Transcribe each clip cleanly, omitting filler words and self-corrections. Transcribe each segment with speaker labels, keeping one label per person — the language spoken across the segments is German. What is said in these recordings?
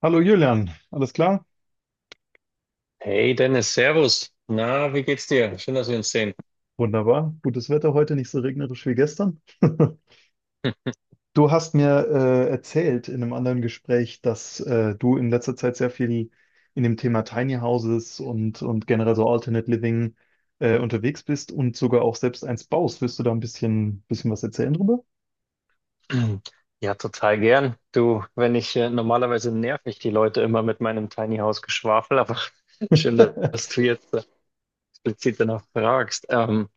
Speaker 1: Hallo Julian, alles klar?
Speaker 2: Hey Dennis, Servus. Na, wie geht's dir? Schön, dass wir uns sehen.
Speaker 1: Wunderbar. Gutes Wetter heute, nicht so regnerisch wie gestern. Du hast mir erzählt in einem anderen Gespräch, dass du in letzter Zeit sehr viel in dem Thema Tiny Houses und generell so Alternate Living unterwegs bist und sogar auch selbst eins baust. Willst du da ein bisschen was erzählen drüber?
Speaker 2: Ja, total gern. Du, wenn ich normalerweise nerv ich die Leute immer mit meinem Tiny House Geschwafel, aber schön, dass du jetzt explizit danach fragst.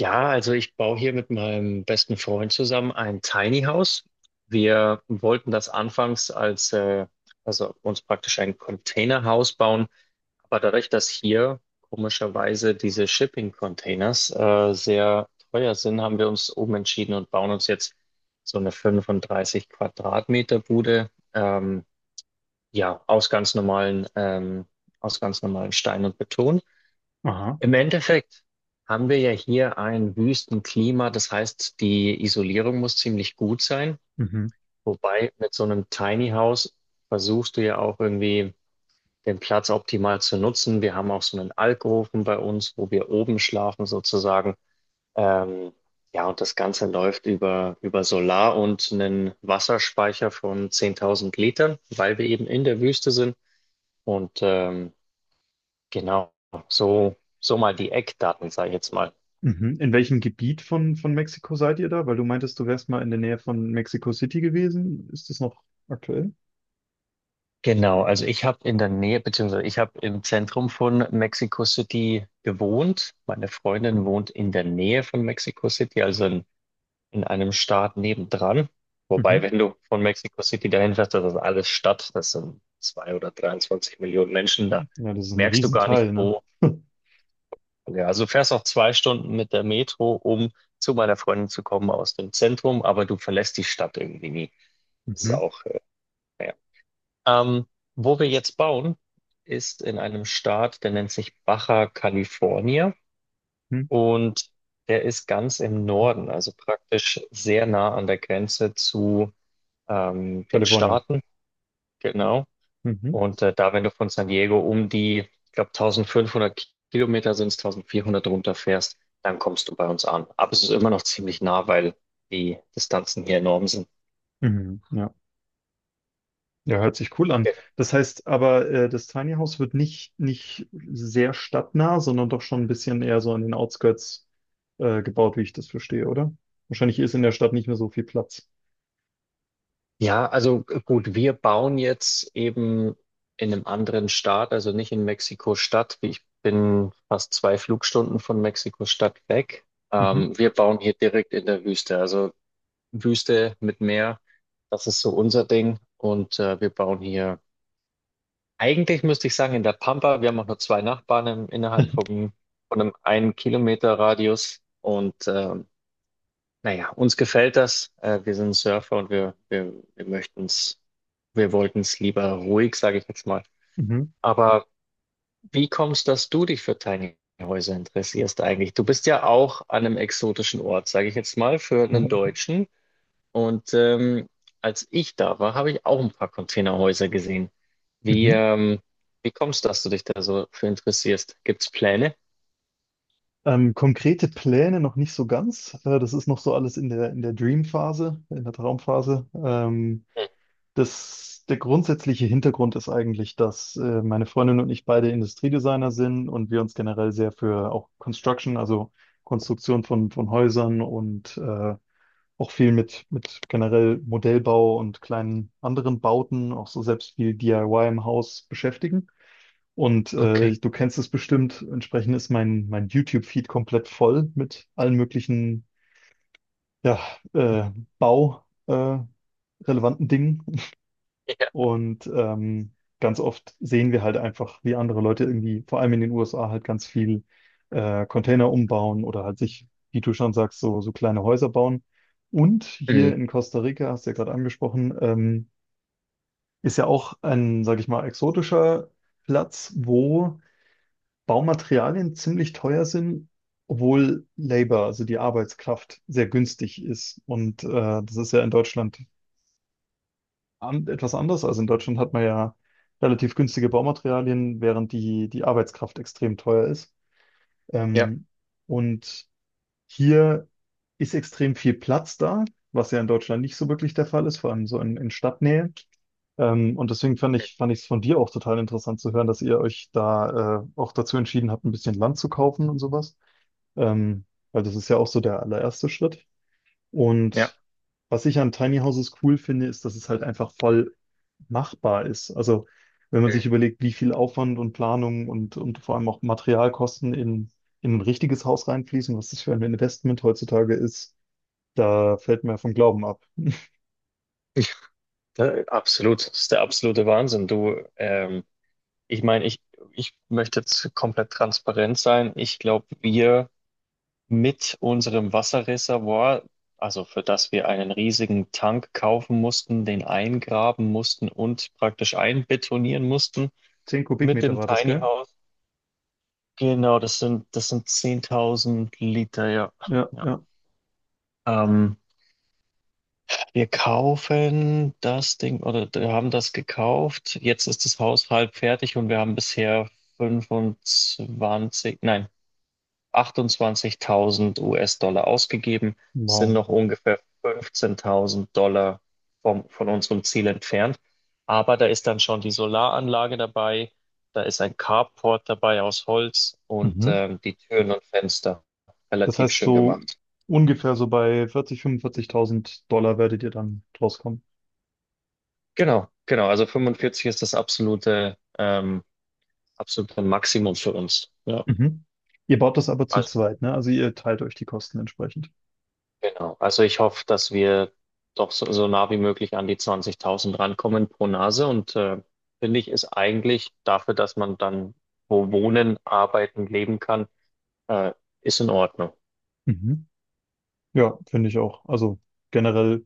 Speaker 2: Ja, also ich baue hier mit meinem besten Freund zusammen ein Tiny House. Wir wollten das anfangs also uns praktisch ein Containerhaus bauen. Aber dadurch, dass hier komischerweise diese Shipping-Containers sehr teuer sind, haben wir uns umentschieden und bauen uns jetzt so eine 35 Quadratmeter Bude, ja, aus ganz normalen, ähm, aus ganz normalen Stein und Beton.
Speaker 1: Aha.
Speaker 2: Im Endeffekt haben wir ja hier ein Wüstenklima, das heißt, die Isolierung muss ziemlich gut sein.
Speaker 1: Mhm.
Speaker 2: Wobei mit so einem Tiny House versuchst du ja auch irgendwie den Platz optimal zu nutzen. Wir haben auch so einen Alkoven bei uns, wo wir oben schlafen sozusagen. Ähm, ja, und das Ganze läuft über Solar und einen Wasserspeicher von 10.000 Litern, weil wir eben in der Wüste sind. Und ähm, genau, so mal die Eckdaten, sage ich jetzt mal.
Speaker 1: Mhm. In welchem Gebiet von Mexiko seid ihr da? Weil du meintest, du wärst mal in der Nähe von Mexico City gewesen. Ist das noch aktuell?
Speaker 2: Genau, also ich habe in der Nähe, beziehungsweise ich habe im Zentrum von Mexico City gewohnt. Meine Freundin wohnt in der Nähe von Mexico City, also in einem Staat nebendran. Wobei, wenn du von Mexico City dahin fährst, das ist alles Stadt, das sind zwei oder 23 Millionen Menschen, da
Speaker 1: Ja, das ist ein
Speaker 2: merkst du gar nicht,
Speaker 1: Riesenteil, ne?
Speaker 2: wo. Ja, also du fährst auch zwei Stunden mit der Metro, um zu meiner Freundin zu kommen aus dem Zentrum, aber du verlässt die Stadt irgendwie nie. Das ist
Speaker 1: Mhm.
Speaker 2: auch, naja. Ähm, wo wir jetzt bauen, ist in einem Staat, der nennt sich Baja California
Speaker 1: Mhm.
Speaker 2: und der ist ganz im Norden, also praktisch sehr nah an der Grenze zu den
Speaker 1: Kalifornien.
Speaker 2: Staaten, genau.
Speaker 1: Mhm.
Speaker 2: Und wenn du von San Diego um die, ich glaube, 1500 Kilometer sind es, 1400 runterfährst, dann kommst du bei uns an. Aber es ist immer noch ziemlich nah, weil die Distanzen hier enorm sind.
Speaker 1: Mhm. Ja. Ja, hört sich cool an.
Speaker 2: Genau.
Speaker 1: Das heißt aber, das Tiny House wird nicht sehr stadtnah, sondern doch schon ein bisschen eher so an den Outskirts gebaut, wie ich das verstehe, oder? Wahrscheinlich ist in der Stadt nicht mehr so viel Platz.
Speaker 2: Ja, also gut, wir bauen jetzt eben in einem anderen Staat, also nicht in Mexiko-Stadt. Ich bin fast zwei Flugstunden von Mexiko-Stadt weg.
Speaker 1: Mhm.
Speaker 2: Wir bauen hier direkt in der Wüste. Also Wüste mit Meer. Das ist so unser Ding. Und wir bauen hier, eigentlich müsste ich sagen, in der Pampa. Wir haben auch nur zwei Nachbarn innerhalb von einem einen Kilometer Radius. Naja, uns gefällt das. Wir sind Surfer und wir wir wollten es lieber ruhig, sage ich jetzt mal.
Speaker 1: Mhm.
Speaker 2: Aber wie kommst, dass du dich für Tiny Häuser interessierst eigentlich? Du bist ja auch an einem exotischen Ort, sage ich jetzt mal, für einen
Speaker 1: Mhm.
Speaker 2: Deutschen. Und ähm, als ich da war, habe ich auch ein paar Containerhäuser gesehen. Wie,
Speaker 1: Mhm.
Speaker 2: ähm, wie kommst du, dass du dich da so für interessierst? Gibt's Pläne?
Speaker 1: Konkrete Pläne noch nicht so ganz. Das ist noch so alles in der Dream-Phase, in der Traumphase.
Speaker 2: Hm,
Speaker 1: Der grundsätzliche Hintergrund ist eigentlich, dass meine Freundin und ich beide Industriedesigner sind und wir uns generell sehr für auch Construction, also Konstruktion von Häusern und auch viel mit generell Modellbau und kleinen anderen Bauten, auch so selbst viel DIY im Haus beschäftigen. Und
Speaker 2: Okay.
Speaker 1: du kennst es bestimmt, entsprechend ist mein YouTube-Feed komplett voll mit allen möglichen ja, äh, Bau, relevanten Dingen.
Speaker 2: Ja.
Speaker 1: Und ganz oft sehen wir halt einfach, wie andere Leute irgendwie, vor allem in den USA, halt ganz viel Container umbauen oder halt sich, wie du schon sagst, so kleine Häuser bauen. Und hier
Speaker 2: Mhm.
Speaker 1: in Costa Rica, hast du ja gerade angesprochen, ist ja auch ein, sag ich mal, exotischer Platz, wo Baumaterialien ziemlich teuer sind, obwohl Labor, also die Arbeitskraft, sehr günstig ist. Und das ist ja in Deutschland etwas anders. Also in Deutschland hat man ja relativ günstige Baumaterialien, während die Arbeitskraft extrem teuer ist.
Speaker 2: Ja.
Speaker 1: Ähm, und hier ist extrem viel Platz da, was ja in Deutschland nicht so wirklich der Fall ist, vor allem so in Stadtnähe. Und deswegen fand
Speaker 2: Mhm.
Speaker 1: ich, fand ich es von dir auch total interessant zu hören, dass ihr euch da auch dazu entschieden habt, ein bisschen Land zu kaufen und sowas. Ähm, weil das ist ja auch so der allererste Schritt.
Speaker 2: Ja.
Speaker 1: Und was ich an Tiny Houses cool finde, ist, dass es halt einfach voll machbar ist. Also wenn man
Speaker 2: Mhm.
Speaker 1: sich überlegt, wie viel Aufwand und Planung und vor allem auch Materialkosten in ein richtiges Haus reinfließen, was das für ein Investment heutzutage ist, da fällt mir vom Glauben ab.
Speaker 2: Da, absolut, das ist der absolute Wahnsinn. Du, ich meine, ich möchte jetzt komplett transparent sein. Ich glaube, wir mit unserem Wasserreservoir, also für das wir einen riesigen Tank kaufen mussten, den eingraben mussten und praktisch einbetonieren mussten
Speaker 1: Zehn
Speaker 2: mit
Speaker 1: Kubikmeter
Speaker 2: dem
Speaker 1: war das,
Speaker 2: Tiny
Speaker 1: gell?
Speaker 2: House. Genau, das sind 10.000 Liter, ja.
Speaker 1: Ja,
Speaker 2: Ja.
Speaker 1: ja.
Speaker 2: Ähm, wir kaufen das Ding oder wir haben das gekauft. Jetzt ist das Haus halb fertig und wir haben bisher 25. Nein, 28.000 US-Dollar ausgegeben, sind
Speaker 1: Wow.
Speaker 2: noch ungefähr $15.000 von unserem Ziel entfernt. Aber da ist dann schon die Solaranlage dabei, da ist ein Carport dabei aus Holz und
Speaker 1: Mhm.
Speaker 2: die Türen und Fenster
Speaker 1: Das
Speaker 2: relativ
Speaker 1: heißt,
Speaker 2: schön
Speaker 1: so
Speaker 2: gemacht.
Speaker 1: ungefähr so bei 40.000, $45.000 werdet ihr dann draus kommen.
Speaker 2: Genau, genau. Also 45 ist das absolute Maximum für uns. Ja.
Speaker 1: Mhm. Ihr baut das aber zu
Speaker 2: Also
Speaker 1: zweit, ne? Also ihr teilt euch die Kosten entsprechend.
Speaker 2: Genau. Also ich hoffe, dass wir doch so nah wie möglich an die 20.000 rankommen pro Nase. Und finde ich, ist eigentlich dafür, dass man dann wo wohnen, arbeiten, leben kann, äh, ist in Ordnung.
Speaker 1: Mhm. Ja, finde ich auch. Also generell,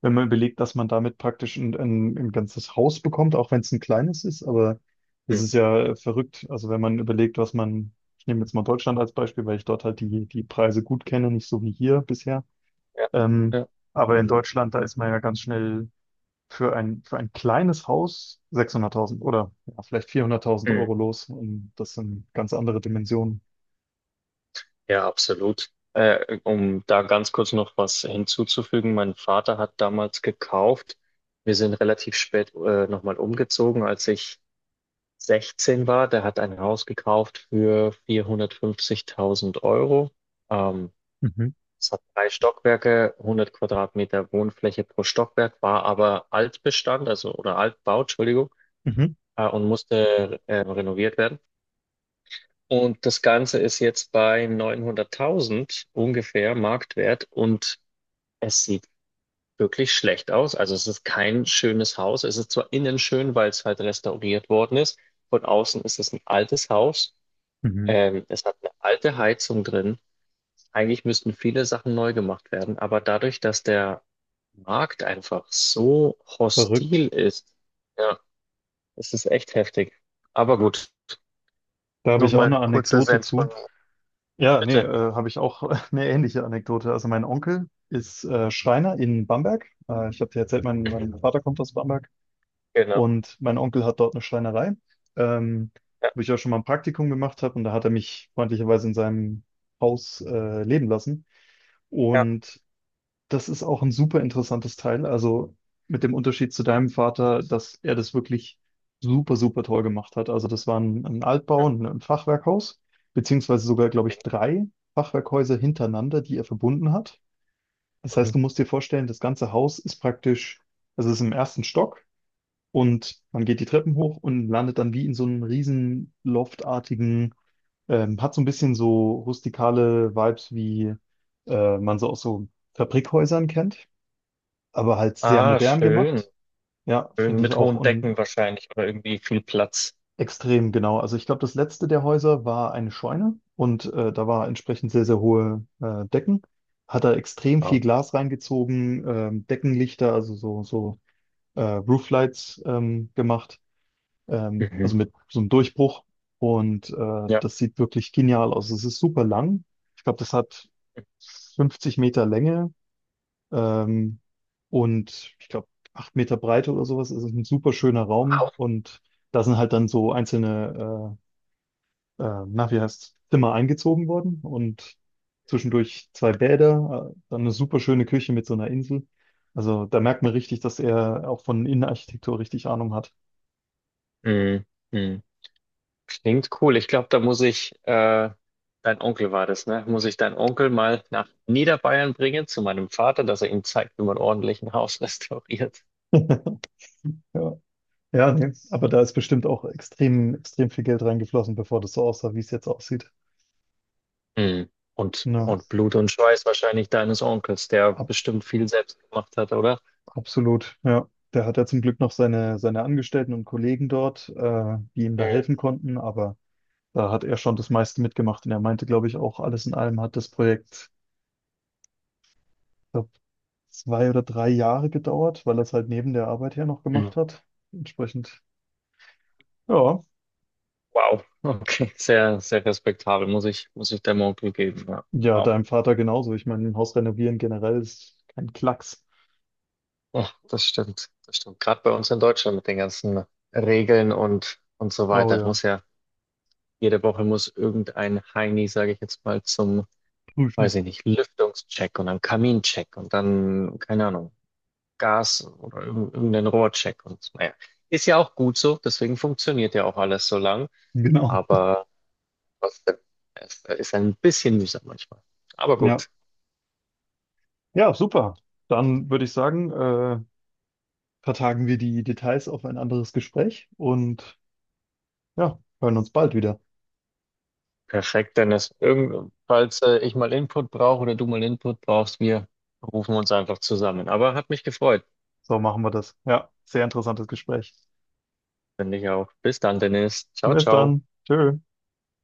Speaker 1: wenn man überlegt, dass man damit praktisch ein ganzes Haus bekommt, auch wenn es ein kleines ist, aber das
Speaker 2: Mhm.
Speaker 1: ist ja verrückt. Also wenn man überlegt, ich nehme jetzt mal Deutschland als Beispiel, weil ich dort halt die Preise gut kenne, nicht so wie hier bisher.
Speaker 2: Ja,
Speaker 1: Ähm,
Speaker 2: ja,
Speaker 1: aber in Deutschland, da ist man ja ganz schnell für ein kleines Haus 600.000 oder ja, vielleicht 400.000
Speaker 2: Mhm.
Speaker 1: Euro los. Und das sind ganz andere Dimensionen.
Speaker 2: ja, absolut. Um da ganz kurz noch was hinzuzufügen, mein Vater hat damals gekauft. Wir sind relativ spät nochmal umgezogen, als ich 16 war, der hat ein Haus gekauft für 450.000 Euro. Ähm,
Speaker 1: Mhm,
Speaker 2: es hat drei Stockwerke, 100 Quadratmeter Wohnfläche pro Stockwerk, war aber Altbestand, also oder Altbau, Entschuldigung,
Speaker 1: mhm,
Speaker 2: und musste renoviert werden. Und das Ganze ist jetzt bei 900.000 ungefähr Marktwert und es sieht wirklich schlecht aus. Also es ist kein schönes Haus. Es ist zwar innen schön, weil es halt restauriert worden ist. Von außen ist es ein altes Haus.
Speaker 1: mhm.
Speaker 2: Es hat eine alte Heizung drin. Eigentlich müssten viele Sachen neu gemacht werden, aber dadurch, dass der Markt einfach so hostil
Speaker 1: Verrückt.
Speaker 2: ist, ja, es ist echt heftig. Aber gut.
Speaker 1: Da habe ich auch
Speaker 2: Nochmal
Speaker 1: eine
Speaker 2: kurzer
Speaker 1: Anekdote
Speaker 2: Senf von
Speaker 1: zu.
Speaker 2: mir.
Speaker 1: Ja, nee,
Speaker 2: Bitte.
Speaker 1: habe ich auch eine ähnliche Anekdote. Also mein Onkel ist Schreiner in Bamberg. Ich habe dir erzählt, mein Vater kommt aus Bamberg
Speaker 2: Genau.
Speaker 1: und mein Onkel hat dort eine Schreinerei, ähm,
Speaker 2: Ja,
Speaker 1: wo ich auch schon mal ein Praktikum gemacht habe und da hat er mich freundlicherweise in seinem Haus leben lassen.
Speaker 2: ja.
Speaker 1: Und das ist auch ein super interessantes Teil. Also mit dem Unterschied zu deinem Vater, dass er das wirklich super, super toll gemacht hat. Also das war ein Altbau, ein Fachwerkhaus, beziehungsweise sogar, glaube ich,
Speaker 2: Okay.
Speaker 1: drei Fachwerkhäuser hintereinander, die er verbunden hat. Das heißt,
Speaker 2: Mhm.
Speaker 1: du musst dir vorstellen, das ganze Haus ist praktisch, also es ist im ersten Stock und man geht die Treppen hoch und landet dann wie in so einem riesen loftartigen, hat so ein bisschen so rustikale Vibes, wie man so aus so Fabrikhäusern kennt, aber halt sehr
Speaker 2: Ah,
Speaker 1: modern
Speaker 2: schön.
Speaker 1: gemacht. Ja,
Speaker 2: Schön
Speaker 1: finde ich
Speaker 2: mit
Speaker 1: auch
Speaker 2: hohen
Speaker 1: und
Speaker 2: Decken wahrscheinlich oder irgendwie viel Platz.
Speaker 1: extrem genau. Also ich glaube, das letzte der Häuser war eine Scheune und da war entsprechend sehr, sehr hohe Decken. Hat er extrem
Speaker 2: Wow.
Speaker 1: viel Glas reingezogen, Deckenlichter, also so Rooflights gemacht,
Speaker 2: Mhm.
Speaker 1: also mit so einem Durchbruch. Und
Speaker 2: Ja.
Speaker 1: das sieht wirklich genial aus. Es ist super lang. Ich glaube, das hat 50 Meter Länge. Ähm, und ich glaube, 8 Meter Breite oder sowas. Es ist ein super schöner Raum
Speaker 2: Wow.
Speaker 1: und da sind halt dann so einzelne, na, wie heißt, Zimmer eingezogen worden und zwischendurch zwei Bäder, dann eine super schöne Küche mit so einer Insel. Also da merkt man richtig, dass er auch von Innenarchitektur richtig Ahnung hat.
Speaker 2: Mhm. Mhm. Klingt cool. Ich glaube, dein Onkel war das, ne? Muss ich deinen Onkel mal nach Niederbayern bringen zu meinem Vater, dass er ihm zeigt, wie man ordentlich ein Haus restauriert.
Speaker 1: Ja, ja, nee. Aber da ist bestimmt auch extrem, extrem viel Geld reingeflossen, bevor das so aussah, wie es jetzt aussieht.
Speaker 2: Hm. Und,
Speaker 1: Ja.
Speaker 2: und Blut und Schweiß wahrscheinlich deines Onkels, der bestimmt viel selbst gemacht hat, oder?
Speaker 1: Absolut, ja. Der hat ja zum Glück noch seine Angestellten und Kollegen dort, die ihm da
Speaker 2: Mhm.
Speaker 1: helfen konnten, aber da hat er schon das meiste mitgemacht und er meinte, glaube ich, auch alles in allem hat das Projekt, glaub, 2 oder 3 Jahre gedauert, weil er es halt neben der Arbeit her noch
Speaker 2: Mhm.
Speaker 1: gemacht hat. Entsprechend, ja.
Speaker 2: Wow. Okay. Sehr, sehr respektabel. Muss ich deinem Onkel geben. Ja.
Speaker 1: Ja,
Speaker 2: Wow.
Speaker 1: deinem Vater genauso. Ich meine, ein Haus renovieren generell ist kein Klacks.
Speaker 2: Ja, das stimmt. Das stimmt. Gerade bei uns in Deutschland mit den ganzen Regeln und so
Speaker 1: Oh
Speaker 2: weiter.
Speaker 1: ja,
Speaker 2: Muss ja jede Woche muss irgendein Heini, sage ich jetzt mal, zum,
Speaker 1: prüfen.
Speaker 2: weiß ich nicht, Lüftungscheck und dann Kamincheck und dann, keine Ahnung, Gas oder irgendein Rohrcheck und naja. Ist ja auch gut so, deswegen funktioniert ja auch alles so lang,
Speaker 1: Genau.
Speaker 2: aber trotzdem, es ist ein bisschen mühsam manchmal. Aber
Speaker 1: Ja.
Speaker 2: gut,
Speaker 1: Ja, super. Dann würde ich sagen, vertagen wir die Details auf ein anderes Gespräch und ja, hören uns bald wieder.
Speaker 2: perfekt, Dennis. Irgend, falls ich mal Input brauche oder du mal Input brauchst, wir rufen uns einfach zusammen. Aber hat mich gefreut,
Speaker 1: So machen wir das. Ja, sehr interessantes Gespräch.
Speaker 2: finde ich auch. Bis dann, Dennis. Ciao,
Speaker 1: Bis
Speaker 2: ciao.
Speaker 1: dann. Tschö.